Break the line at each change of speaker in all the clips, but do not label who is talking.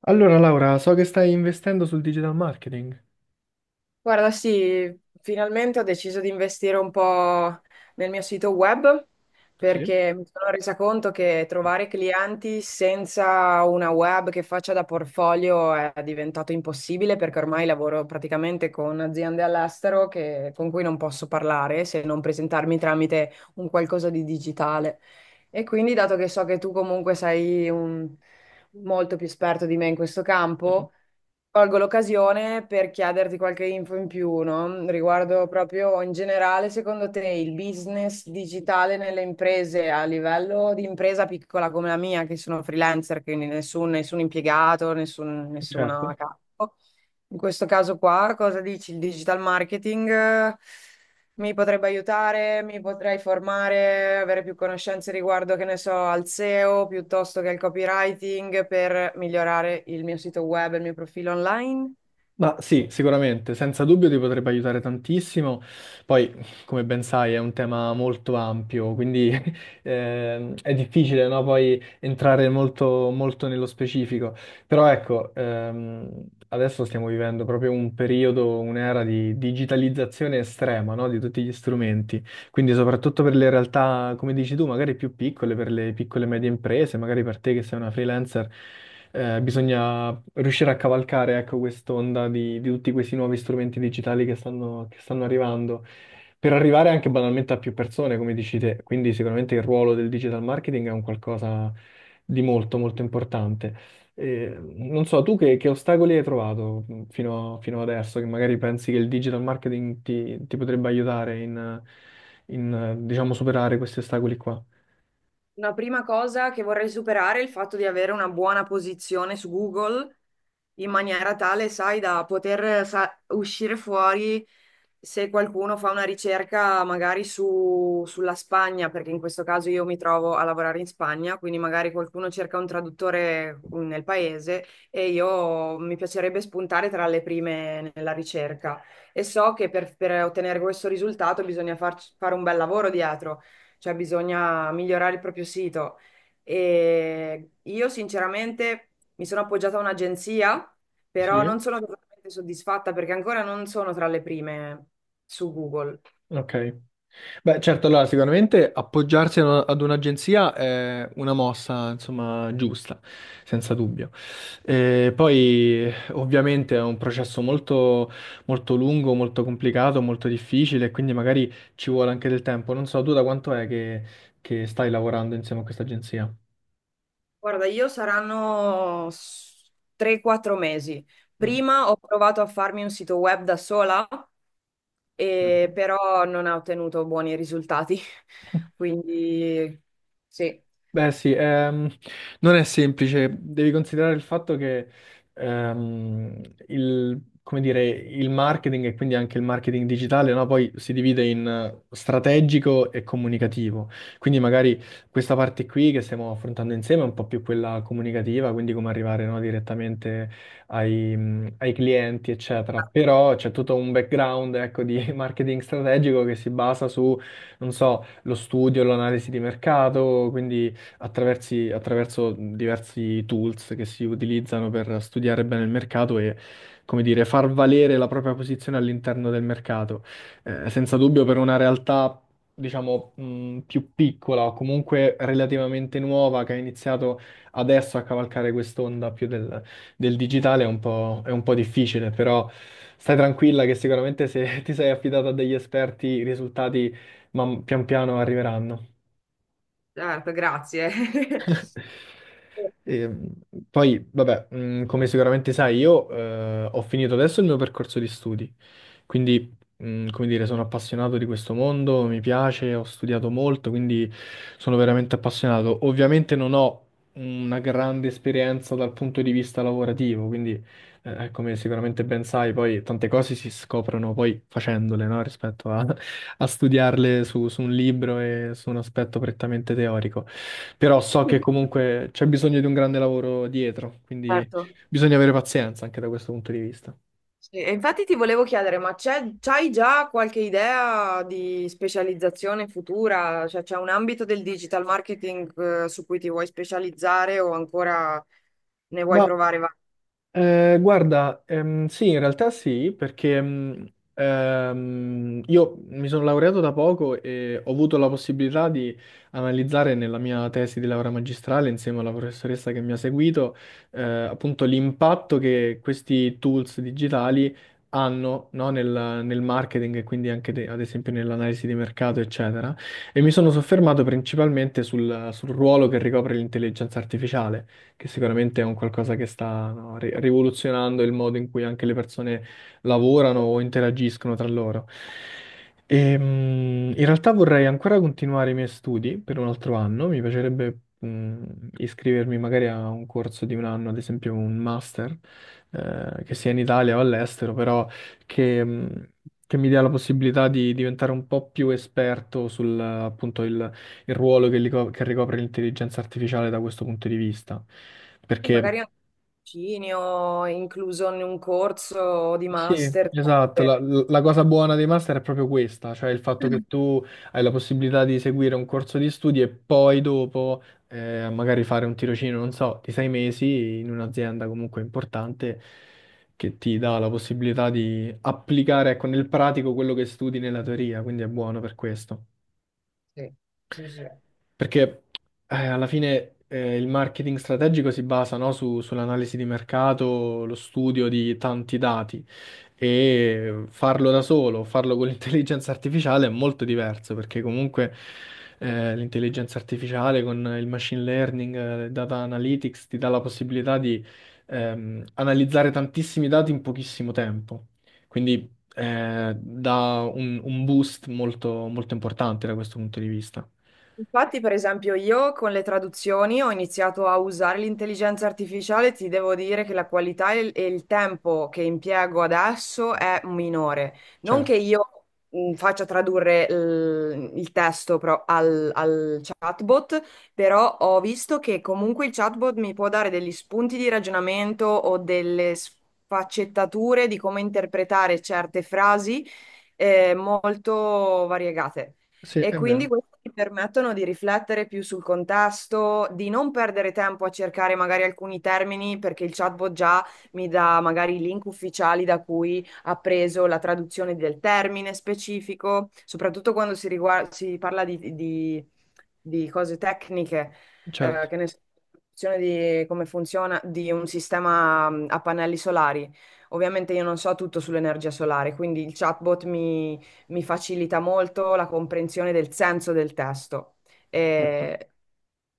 Allora, Laura, so che stai investendo sul digital marketing.
Guarda, sì, finalmente ho deciso di investire un po' nel mio sito web
Sì.
perché mi sono resa conto che trovare clienti senza una web che faccia da portfolio è diventato impossibile perché ormai lavoro praticamente con aziende all'estero con cui non posso parlare se non presentarmi tramite un qualcosa di digitale. E quindi, dato che so che tu comunque sei molto più esperto di me in questo
Mhm.
campo, colgo l'occasione per chiederti qualche info in più, no? Riguardo proprio in generale, secondo te il business digitale nelle imprese a livello di impresa piccola come la mia, che sono freelancer, quindi nessun impiegato, nessun, nessuno a
Certo.
capo. In questo caso qua, cosa dici? Il digital marketing, mi potrebbe aiutare, mi potrei formare, avere più conoscenze riguardo, che ne so, al SEO piuttosto che al copywriting per migliorare il mio sito web e il mio profilo online.
Ma sì, sicuramente, senza dubbio ti potrebbe aiutare tantissimo. Poi, come ben sai, è un tema molto ampio, quindi è difficile, no? Poi entrare molto, molto nello specifico. Però ecco, adesso stiamo vivendo proprio un periodo, un'era di digitalizzazione estrema, no, di tutti gli strumenti. Quindi soprattutto per le realtà, come dici tu, magari più piccole, per le piccole e medie imprese, magari per te che sei una freelancer, bisogna riuscire a cavalcare, ecco, quest'onda di tutti questi nuovi strumenti digitali che stanno arrivando, per arrivare anche banalmente a più persone, come dici te. Quindi sicuramente il ruolo del digital marketing è un qualcosa di molto, molto importante. Non so, tu che ostacoli hai trovato fino, fino adesso, che magari pensi che il digital marketing ti, ti potrebbe aiutare in, in, diciamo, superare questi ostacoli qua?
Una prima cosa che vorrei superare è il fatto di avere una buona posizione su Google in maniera tale, sai, da poter uscire fuori se qualcuno fa una ricerca magari sulla Spagna, perché in questo caso io mi trovo a lavorare in Spagna, quindi magari qualcuno cerca un traduttore nel paese e io mi piacerebbe spuntare tra le prime nella ricerca. E so che per ottenere questo risultato bisogna fare un bel lavoro dietro, cioè bisogna migliorare il proprio sito. E io sinceramente mi sono appoggiata a un'agenzia, però
Sì?
non sono totalmente soddisfatta perché ancora non sono tra le prime su Google.
Ok. Beh, certo, allora sicuramente appoggiarsi a una- ad un'agenzia è una mossa, insomma, giusta, senza dubbio. E poi ovviamente è un processo molto, molto lungo, molto complicato, molto difficile, quindi magari ci vuole anche del tempo. Non so, tu da quanto è che stai lavorando insieme a questa agenzia?
Guarda, io saranno 3-4 mesi.
Mm.
Prima ho provato a farmi un sito web da sola,
Certo.
e però non ho ottenuto buoni risultati. Quindi sì,
Beh sì, non è semplice, devi considerare il fatto che ehm, il, come dire, il marketing e quindi anche il marketing digitale, no, poi si divide in strategico e comunicativo. Quindi magari questa parte qui che stiamo affrontando insieme è un po' più quella comunicativa, quindi come arrivare, no, direttamente ai, ai clienti, eccetera. Però c'è tutto un background, ecco, di marketing strategico che si basa su, non so, lo studio, l'analisi di mercato, quindi attraverso diversi tools che si utilizzano per studiare bene il mercato e, come dire, far valere la propria posizione all'interno del mercato. Senza dubbio per una realtà, diciamo, più piccola o comunque relativamente nuova che ha iniziato adesso a cavalcare quest'onda più del, del digitale è un po' difficile, però stai tranquilla che sicuramente se ti sei affidata a degli esperti i risultati pian piano arriveranno.
certo, grazie.
E, poi, vabbè, come sicuramente sai, io ho finito adesso il mio percorso di studi. Quindi, come dire, sono appassionato di questo mondo, mi piace, ho studiato molto, quindi sono veramente appassionato. Ovviamente non ho una grande esperienza dal punto di vista lavorativo, quindi, come sicuramente ben sai, poi tante cose si scoprono poi facendole, no? Rispetto a, a studiarle su, su un libro e su un aspetto prettamente teorico. Però so che comunque c'è bisogno di un grande lavoro dietro, quindi
Certo.
bisogna avere pazienza anche da questo punto di vista.
Sì, e infatti ti volevo chiedere, ma c'hai già qualche idea di specializzazione futura? Cioè, c'è un ambito del digital marketing, su cui ti vuoi specializzare o ancora ne vuoi
Ma
provare vari?
Guarda, sì, in realtà sì, perché io mi sono laureato da poco e ho avuto la possibilità di analizzare nella mia tesi di laurea magistrale, insieme alla professoressa che mi ha seguito, appunto l'impatto che questi tools digitali hanno, no, nel, nel marketing e quindi anche ad esempio nell'analisi di mercato, eccetera. E mi sono soffermato principalmente sul ruolo che ricopre l'intelligenza artificiale che sicuramente è un qualcosa che sta, no, rivoluzionando il modo in cui anche le persone lavorano o interagiscono tra loro. In realtà vorrei ancora continuare i miei studi per un altro anno, mi piacerebbe iscrivermi magari a un corso di un anno, ad esempio un master, che sia in Italia o all'estero, però che, mh, che mi dia la possibilità di diventare un po' più esperto sul, appunto, il ruolo che, che ricopre l'intelligenza artificiale da questo punto di vista. Perché
Magari anche un tirocinio, incluso in un corso di
sì,
master.
esatto, la,
per-
la cosa buona dei master è proprio questa, cioè il fatto che tu hai la possibilità di seguire un corso di studi e poi dopo magari fare un tirocinio, non so, di sei mesi in un'azienda comunque importante che ti dà la possibilità di applicare, ecco, nel pratico quello che studi nella teoria, quindi è buono per questo.
Sì, sì, sì.
Perché alla fine il marketing strategico si basa, no, sull'analisi di mercato, lo studio di tanti dati e farlo da solo, farlo con l'intelligenza artificiale è molto diverso perché comunque l'intelligenza artificiale con il machine learning, il data analytics ti dà la possibilità di analizzare tantissimi dati in pochissimo tempo. Quindi dà un boost molto molto importante da questo punto di vista.
Infatti, per esempio, io con le traduzioni ho iniziato a usare l'intelligenza artificiale, ti devo dire che la qualità e il tempo che impiego adesso è minore. Non che
Certo.
io faccia tradurre il testo al chatbot, però ho visto che comunque il chatbot mi può dare degli spunti di ragionamento o delle sfaccettature di come interpretare certe frasi, molto variegate.
Sì,
E
è
quindi
vero,
questi ti permettono di riflettere più sul contesto, di non perdere tempo a cercare magari alcuni termini, perché il chatbot già mi dà magari i link ufficiali da cui ha preso la traduzione del termine specifico, soprattutto quando si parla di cose tecniche,
certo.
che ne so, di come funziona di un sistema a pannelli solari. Ovviamente io non so tutto sull'energia solare, quindi il chatbot mi facilita molto la comprensione del senso del testo.
Certo.
È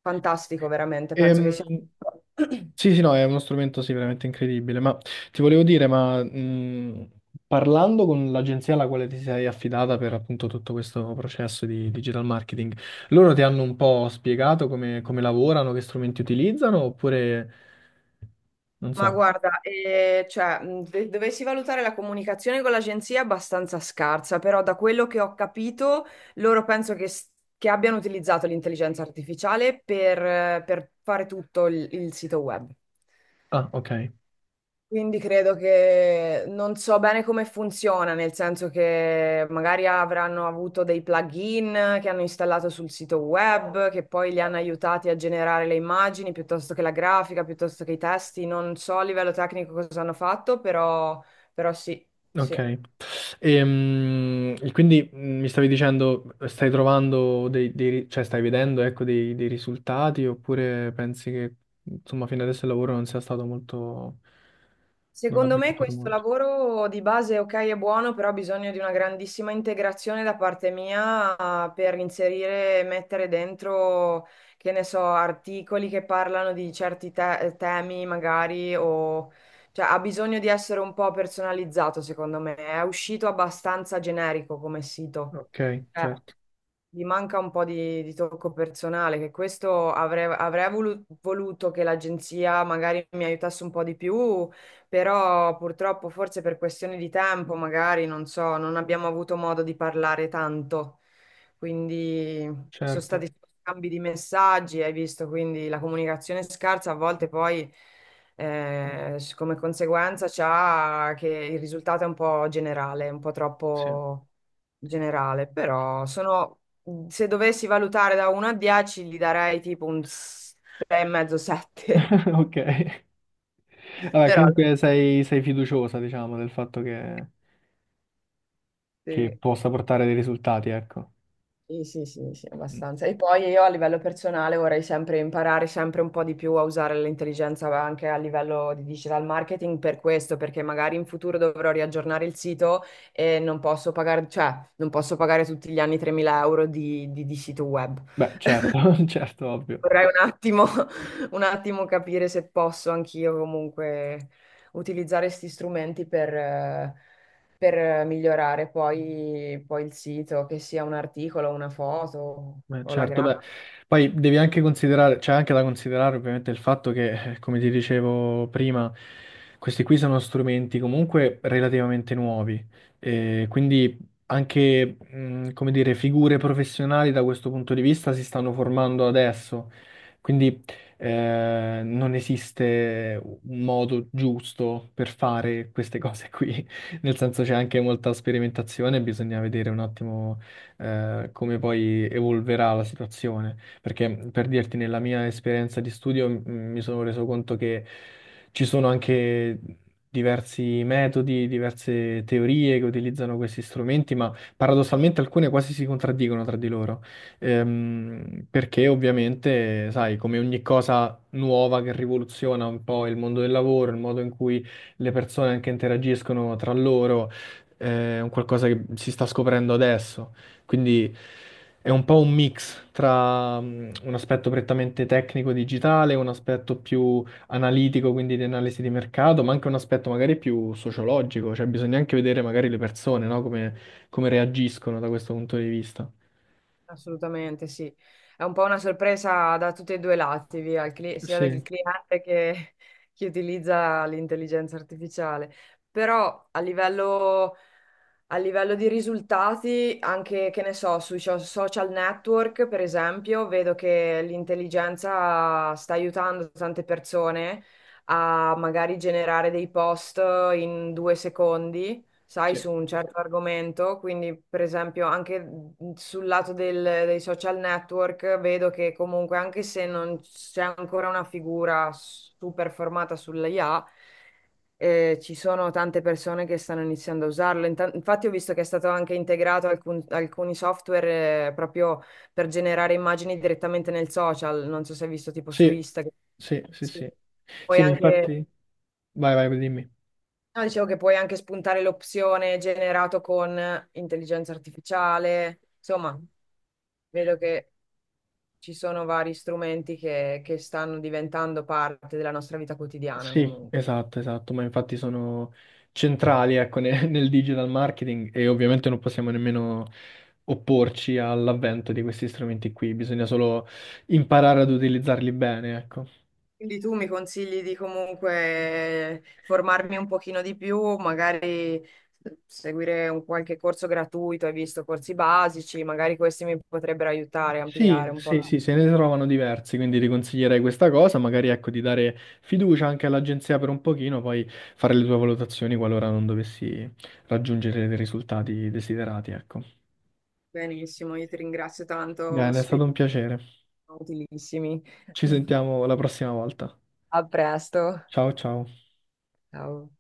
fantastico, veramente.
Eh,
Penso che sia.
Ehm, sì, sì, no, è uno strumento sì, veramente incredibile, ma ti volevo dire, ma parlando con l'agenzia alla quale ti sei affidata per appunto tutto questo processo di digital marketing, loro ti hanno un po' spiegato come, come lavorano, che strumenti utilizzano, oppure non
Ma
so.
guarda, cioè, dovessi valutare la comunicazione con l'agenzia è abbastanza scarsa, però da quello che ho capito, loro penso che abbiano utilizzato l'intelligenza artificiale per fare tutto il sito web.
Ah, ok,
Quindi credo che non so bene come funziona, nel senso che magari avranno avuto dei plugin che hanno installato sul sito web, che poi li hanno aiutati a generare le immagini piuttosto che la grafica, piuttosto che i testi. Non so a livello tecnico cosa hanno fatto, però, sì, sì.
ok. E, quindi mi stavi dicendo, stai trovando dei, cioè stai vedendo, ecco, dei, dei risultati oppure pensi che, insomma, fino adesso il lavoro non sia stato molto, non
Secondo
abbia
me
portato
questo
molto?
lavoro di base, ok, è buono, però ha bisogno di una grandissima integrazione da parte mia, per inserire, mettere dentro, che ne so, articoli che parlano di certi temi magari o... Cioè, ha bisogno di essere un po' personalizzato, secondo me. È uscito abbastanza generico come sito.
Ok,
Eh.
certo,
Gli manca un po' di tocco personale, che questo avrei voluto che l'agenzia magari mi aiutasse un po' di più, però purtroppo forse per questioni di tempo, magari, non so, non abbiamo avuto modo di parlare tanto. Quindi sono
certo,
stati scambi di messaggi, hai visto, quindi la comunicazione scarsa a volte poi, come conseguenza c'ha che il risultato è un po' generale, un po'
sì.
troppo generale, però sono Mm. se dovessi valutare da 1 a 10, gli darei tipo un 6,5, 7.
Ok. Vabbè,
Però
comunque sei, sei fiduciosa, diciamo, del fatto che
sì,
possa portare dei risultati, ecco.
sì, sì, sì, sì,
Mm.
abbastanza. E poi io a livello personale vorrei sempre imparare sempre un po' di più a usare l'intelligenza anche a livello di digital marketing per questo, perché magari in futuro dovrò riaggiornare il sito e non posso pagare, cioè, non posso pagare tutti gli anni 3.000 euro di sito web.
Beh, certo, certo, ovvio.
Vorrei un attimo, un attimo capire se posso anch'io comunque utilizzare questi strumenti per migliorare poi il sito, che sia un articolo, una foto
Beh,
o la
certo, beh,
grafica.
poi devi anche considerare, c'è anche da considerare ovviamente il fatto che, come ti dicevo prima, questi qui sono strumenti comunque relativamente nuovi, e quindi anche, come dire, figure professionali da questo punto di vista si stanno formando adesso, quindi non esiste un modo giusto per fare queste cose qui, nel senso c'è anche molta sperimentazione, bisogna vedere un attimo come poi evolverà la situazione. Perché per dirti, nella mia esperienza di studio mi sono reso conto che ci sono anche diversi metodi, diverse teorie che utilizzano questi strumenti, ma paradossalmente alcune quasi si contraddicono tra di loro. Perché ovviamente, sai, come ogni cosa nuova che rivoluziona un po' il mondo del lavoro, il modo in cui le persone anche interagiscono tra loro, è un qualcosa che si sta scoprendo adesso. Quindi è un po' un mix tra un aspetto prettamente tecnico digitale, un aspetto più analitico, quindi di analisi di mercato, ma anche un aspetto magari più sociologico, cioè bisogna anche vedere magari le persone, no? Come, come reagiscono da questo punto di vista.
Assolutamente sì. È un po' una sorpresa da tutti e due i lati, via, il sia dal
Sì,
cliente che chi utilizza l'intelligenza artificiale. Però a livello A livello di risultati, anche che ne so, sui social network, per esempio, vedo che l'intelligenza sta aiutando tante persone a magari generare dei post in 2 secondi, sai,
sì,
su un certo argomento. Quindi, per esempio, anche sul lato dei social network, vedo che comunque, anche se non c'è ancora una figura super formata sull'IA, ci sono tante persone che stanno iniziando a usarlo. Infatti ho visto che è stato anche integrato alcuni software proprio per generare immagini direttamente nel social. Non so se hai visto tipo su
sì,
Instagram.
sì, sì,
Sì.
sì. Sì,
Puoi
ma
anche,
infatti... Vai, vai, dimmi.
no, dicevo che puoi anche spuntare l'opzione generato con intelligenza artificiale. Insomma, vedo che ci sono vari strumenti che stanno diventando parte della nostra vita quotidiana
Sì,
comunque.
esatto, esatto, ma infatti sono centrali, ecco, nel digital marketing e ovviamente non possiamo nemmeno opporci all'avvento di questi strumenti qui, bisogna solo imparare ad utilizzarli bene, ecco.
Quindi tu mi consigli di comunque formarmi un pochino di più, magari eh, seguire un qualche corso gratuito, hai visto corsi basici, magari questi mi potrebbero aiutare a
Sì,
ampliare un po'.
sì, sì, se ne trovano diversi, quindi ti consiglierei questa cosa, magari ecco di dare fiducia anche all'agenzia per un pochino, poi fare le tue valutazioni qualora non dovessi raggiungere dei risultati desiderati, ecco.
Benissimo, io ti ringrazio tanto,
Bene, è
sono
stato un piacere.
utilissimi.
Ci sentiamo la prossima volta.
A presto.
Ciao ciao.
Ciao.